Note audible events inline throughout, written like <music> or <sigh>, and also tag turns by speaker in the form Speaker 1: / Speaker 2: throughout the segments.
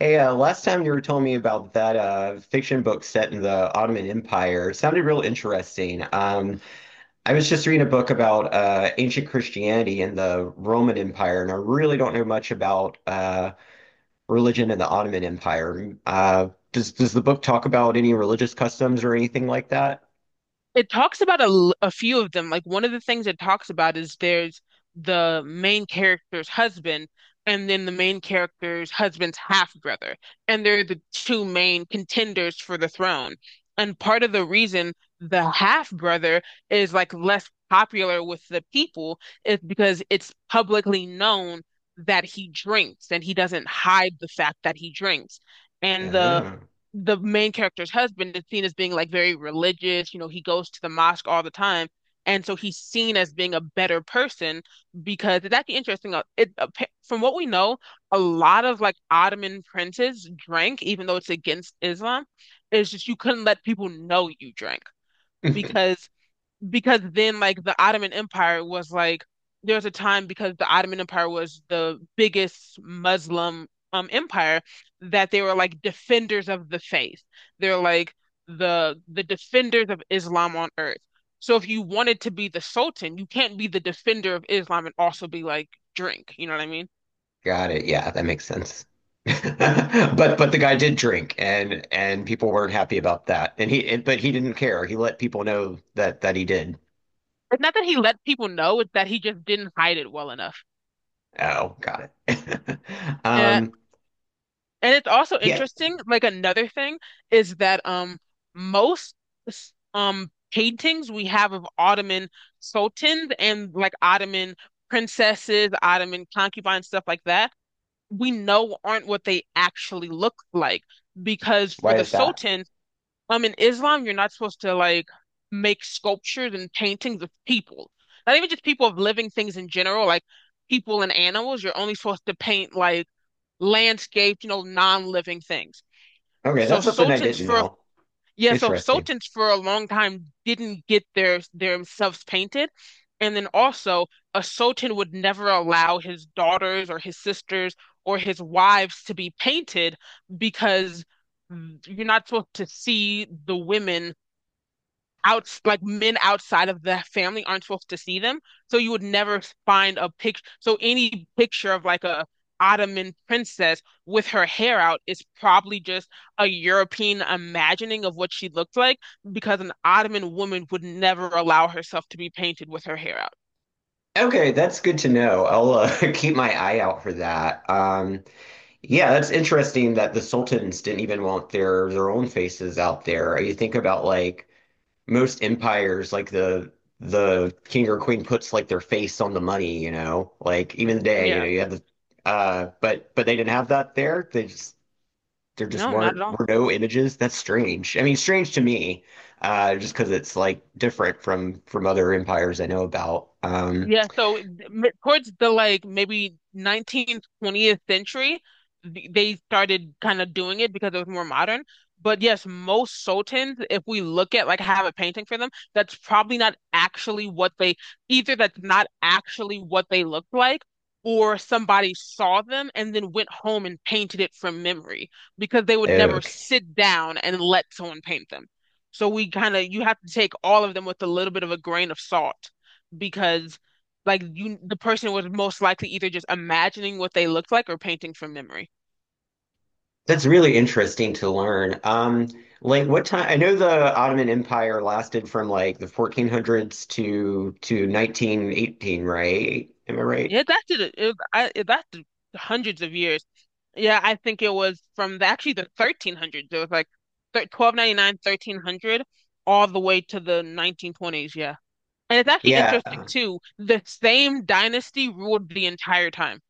Speaker 1: Hey, last time you were telling me about that fiction book set in the Ottoman Empire. Sounded real interesting. I was just reading a book about ancient Christianity and the Roman Empire, and I really don't know much about religion in the Ottoman Empire. Does the book talk about any religious customs or anything like that?
Speaker 2: It talks about a few of them. Like one of the things it talks about is there's the main character's husband and then the main character's husband's half brother. And they're the two main contenders for the throne. And part of the reason the half brother is like less popular with the people is because it's publicly known that he drinks and he doesn't hide the fact that he drinks. And the
Speaker 1: Yeah.
Speaker 2: the main character's husband is seen as being like very religious. You know, he goes to the mosque all the time. And so he's seen as being a better person because it's actually interesting. From what we know, a lot of like Ottoman princes drank, even though it's against Islam. It's just you couldn't let people know you drank
Speaker 1: <laughs>
Speaker 2: because then like the Ottoman Empire was like there was a time because the Ottoman Empire was the biggest Muslim empire that they were like defenders of the faith. They're like the defenders of Islam on earth. So if you wanted to be the Sultan, you can't be the defender of Islam and also be like drink. You know what I mean?
Speaker 1: Got it. Yeah, that makes sense. <laughs> But the guy did drink and people weren't happy about that. And but he didn't care. He let people know that he did.
Speaker 2: It's not that he let people know, it's that he just didn't hide it well enough.
Speaker 1: Oh, got it. <laughs>
Speaker 2: Uh,
Speaker 1: Um,
Speaker 2: And it's also
Speaker 1: yeah.
Speaker 2: interesting, like another thing is that most paintings we have of Ottoman sultans and like Ottoman princesses, Ottoman concubines, stuff like that, we know aren't what they actually look like. Because for
Speaker 1: Why
Speaker 2: the
Speaker 1: is that?
Speaker 2: sultans, in Islam you're not supposed to like make sculptures and paintings of people. Not even just people of living things in general, like people and animals. You're only supposed to paint like landscapes, non-living things.
Speaker 1: Okay,
Speaker 2: So
Speaker 1: that's something I
Speaker 2: Sultan's
Speaker 1: didn't
Speaker 2: for
Speaker 1: know.
Speaker 2: yeah, so
Speaker 1: Interesting.
Speaker 2: Sultans for a long time didn't get their themselves painted. And then also a Sultan would never allow his daughters or his sisters or his wives to be painted because you're not supposed to see the women out like men outside of the family aren't supposed to see them. So you would never find a picture. So any picture of like a Ottoman princess with her hair out is probably just a European imagining of what she looked like because an Ottoman woman would never allow herself to be painted with her hair out.
Speaker 1: Okay, that's good to know. I'll <laughs> keep my eye out for that. Yeah, that's interesting that the sultans didn't even want their own faces out there. You think about like most empires like the king or queen puts like their face on the money, you know. Like even today, you know,
Speaker 2: Yeah.
Speaker 1: you have the uh, but they didn't have that there. They just There just
Speaker 2: No, not at
Speaker 1: weren't
Speaker 2: all.
Speaker 1: were no images. That's strange. I mean, strange to me, uh, just because it's like different from other empires I know about.
Speaker 2: Yeah, so towards the like maybe 19th, 20th century, they started kind of doing it because it was more modern. But yes, most sultans, if we look at like I have a painting for them, that's probably not actually what they either that's not actually what they looked like, or somebody saw them and then went home and painted it from memory because they would never
Speaker 1: Okay.
Speaker 2: sit down and let someone paint them. So we kind of you have to take all of them with a little bit of a grain of salt because like you, the person was most likely either just imagining what they looked like or painting from memory.
Speaker 1: That's really interesting to learn. Like what time? I know the Ottoman Empire lasted from like the 1400s to 1918, right? Am I right?
Speaker 2: Yeah, that did it. It lasted hundreds of years. Yeah, I think it was from actually the 1300s. It was like thir 1299, 1300, all the way to the 1920s. Yeah. And it's actually
Speaker 1: Yeah.
Speaker 2: interesting too. The same dynasty ruled the entire time.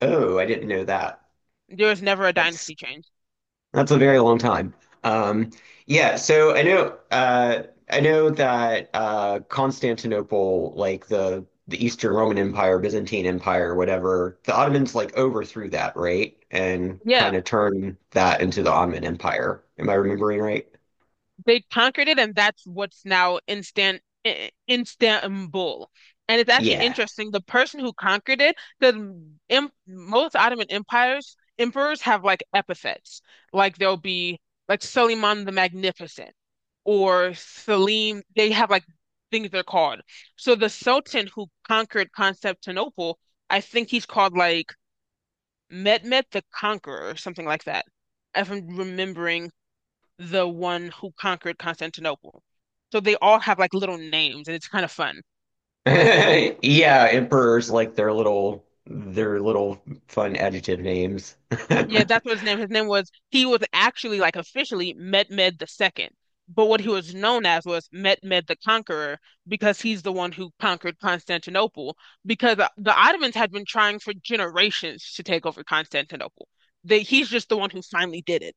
Speaker 1: Oh, I didn't know that.
Speaker 2: There was never a
Speaker 1: That's
Speaker 2: dynasty change.
Speaker 1: that's a very long time. Um, yeah, so I know that Constantinople, like the Eastern Roman Empire, Byzantine Empire, whatever, the Ottomans like overthrew that, right? And
Speaker 2: Yeah.
Speaker 1: kind of turned that into the Ottoman Empire. Am I remembering right?
Speaker 2: They conquered it, and that's what's now instant Istanbul. And it's actually
Speaker 1: Yeah.
Speaker 2: interesting. The person who conquered it, the im most Ottoman empires emperors have like epithets. Like there'll be like Suleiman the Magnificent or Selim. They have like things they're called. So the Sultan who conquered Constantinople, I think he's called like Mehmet the Conqueror or something like that, if I'm remembering the one who conquered Constantinople. So they all have like little names, and it's kind of fun.
Speaker 1: <laughs> Yeah, emperors like their little fun adjective names. <laughs>
Speaker 2: Yeah, that's what his name. His name was He was actually like officially Mehmed II, but what he was known as was Mehmed the Conqueror because he's the one who conquered Constantinople. Because the Ottomans had been trying for generations to take over Constantinople. He's just the one who finally did it.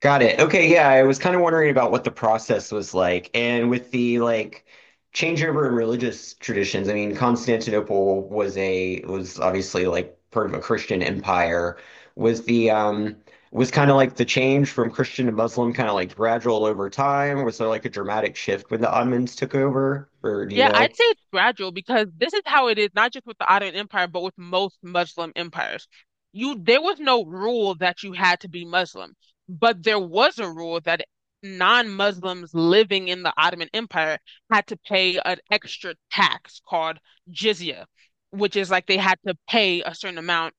Speaker 1: Got it. Okay, yeah, I was kind of wondering about what the process was like. And with the like changeover in religious traditions, I mean, Constantinople was obviously like part of a Christian empire. Was the um was kind of like the change from Christian to Muslim kind of like gradual over time? Was there like a dramatic shift when the Ottomans took over? Or do you
Speaker 2: Yeah, I'd
Speaker 1: know?
Speaker 2: say it's gradual because this is how it is, not just with the Ottoman Empire, but with most Muslim empires. You There was no rule that you had to be Muslim, but there was a rule that non-Muslims living in the Ottoman Empire had to pay an extra tax called jizya, which is like they had to pay a certain amount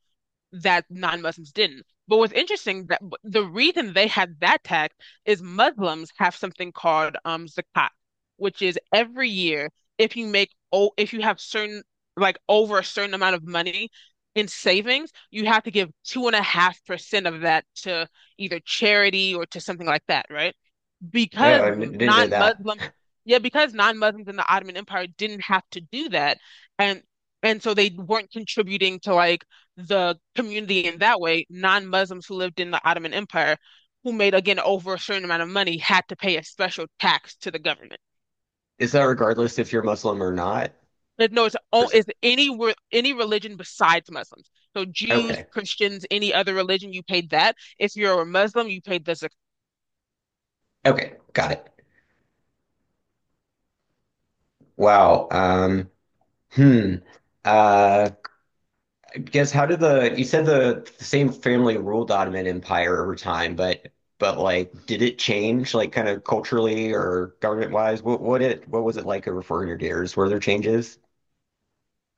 Speaker 2: that non-Muslims didn't. But what's interesting that the reason they had that tax is Muslims have something called zakat, which is every year if you have certain like over a certain amount of money in savings, you have to give 2.5% of that to either charity or to something like that, right?
Speaker 1: Oh,
Speaker 2: because
Speaker 1: I didn't know that.
Speaker 2: non-Muslim,
Speaker 1: <laughs>
Speaker 2: yeah, because non-Muslims in the Ottoman Empire didn't have to do that, and so they weren't contributing to like the community in that way. Non-Muslims who lived in the Ottoman Empire, who made again over a certain amount of money, had to pay a special tax to the government.
Speaker 1: Is that regardless if you're Muslim or not?
Speaker 2: But no, it's
Speaker 1: Or
Speaker 2: o-
Speaker 1: is
Speaker 2: it's
Speaker 1: it?
Speaker 2: any re- any religion besides Muslims. So Jews,
Speaker 1: Okay.
Speaker 2: Christians, any other religion, you paid that. If you're a Muslim, you paid the zakat.
Speaker 1: Okay, got it. Wow. Hmm. Uh, guess how did the same family ruled the Ottoman Empire over time, but like did it change like kind of culturally or government wise? What was it like over 400 years? Were there changes?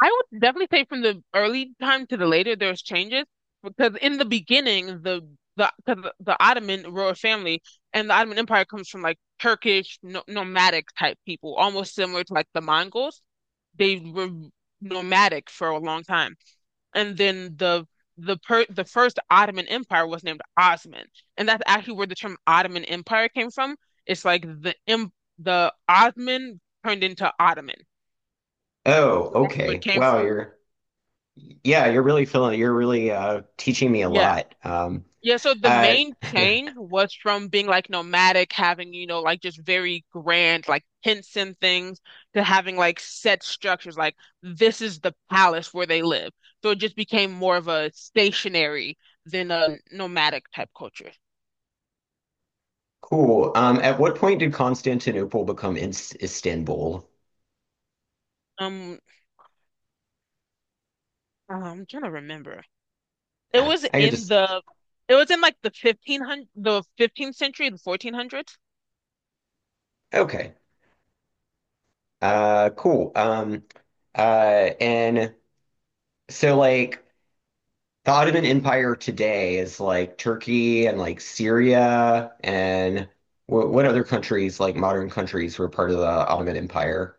Speaker 2: I would definitely say from the early time to the later, there's changes because in the beginning, the Ottoman royal family and the Ottoman Empire comes from like Turkish no, nomadic type people, almost similar to like the Mongols. They were nomadic for a long time, and then the first Ottoman Empire was named Osman, and that's actually where the term Ottoman Empire came from. It's like the Ottoman turned into Ottoman,
Speaker 1: Oh,
Speaker 2: so that's where it
Speaker 1: okay.
Speaker 2: came
Speaker 1: Wow,
Speaker 2: from.
Speaker 1: you're yeah, you're really feeling you're really teaching me a
Speaker 2: Yeah.
Speaker 1: lot.
Speaker 2: Yeah, so the
Speaker 1: Uh
Speaker 2: main
Speaker 1: <laughs>
Speaker 2: change was from being like nomadic, having, like just very grand, like hints and things, to having like set structures, like this is the palace where they live. So it just became more of a stationary than a nomadic type culture.
Speaker 1: cool. At what point did Constantinople become Ins Istanbul?
Speaker 2: Um, I'm trying to remember. It
Speaker 1: Ah,
Speaker 2: was
Speaker 1: I could
Speaker 2: in
Speaker 1: just
Speaker 2: the, it was in like the 1500, the 15th century, the 1400s.
Speaker 1: okay. Cool. And so like the Ottoman Empire today is like Turkey and like Syria and what other countries, like modern countries, were part of the Ottoman Empire?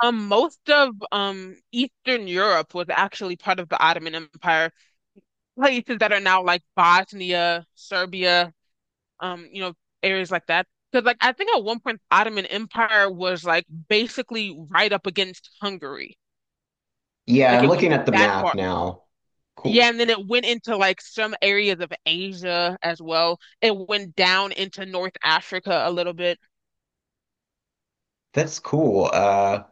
Speaker 2: Most of Eastern Europe was actually part of the Ottoman Empire. Places that are now like Bosnia, Serbia, um, you know, areas like that. Because like I think at one point the Ottoman Empire was like basically right up against Hungary.
Speaker 1: Yeah,
Speaker 2: Like
Speaker 1: I'm
Speaker 2: it went
Speaker 1: looking at the
Speaker 2: that
Speaker 1: map
Speaker 2: far.
Speaker 1: now.
Speaker 2: Yeah,
Speaker 1: Cool.
Speaker 2: and then it went into like some areas of Asia as well. It went down into North Africa a little bit.
Speaker 1: That's cool.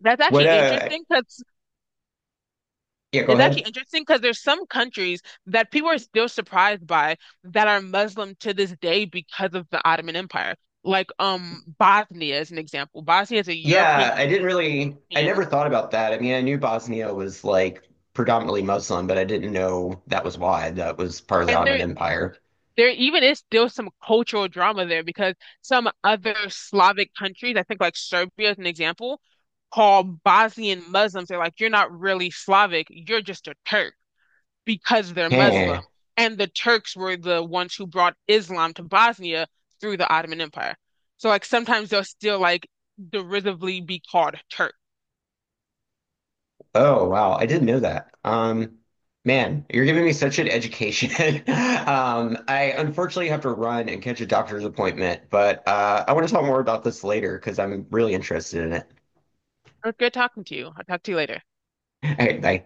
Speaker 2: That's
Speaker 1: what,
Speaker 2: actually
Speaker 1: uh,
Speaker 2: interesting because
Speaker 1: yeah, go
Speaker 2: It's actually
Speaker 1: ahead.
Speaker 2: interesting because there's some countries that people are still surprised by that are Muslim to this day because of the Ottoman Empire. Like Bosnia is an example. Bosnia is a European
Speaker 1: Yeah, I
Speaker 2: country,
Speaker 1: didn't really, I
Speaker 2: European,
Speaker 1: never thought about that. I mean, I knew Bosnia was like predominantly Muslim, but I didn't know that was why that was part of the
Speaker 2: and
Speaker 1: Ottoman Empire.
Speaker 2: there even is still some cultural drama there because some other Slavic countries, I think like Serbia is an example, call Bosnian Muslims, they're like, you're not really Slavic, you're just a Turk. Because they're Muslim.
Speaker 1: Huh.
Speaker 2: And the Turks were the ones who brought Islam to Bosnia through the Ottoman Empire. So like sometimes they'll still like derisively be called Turk.
Speaker 1: Oh wow, I didn't know that. Man, you're giving me such an education. <laughs> I unfortunately have to run and catch a doctor's appointment, but I want to talk more about this later because I'm really interested in it.
Speaker 2: It was good talking to you. I'll talk to you later.
Speaker 1: <laughs> All right, bye.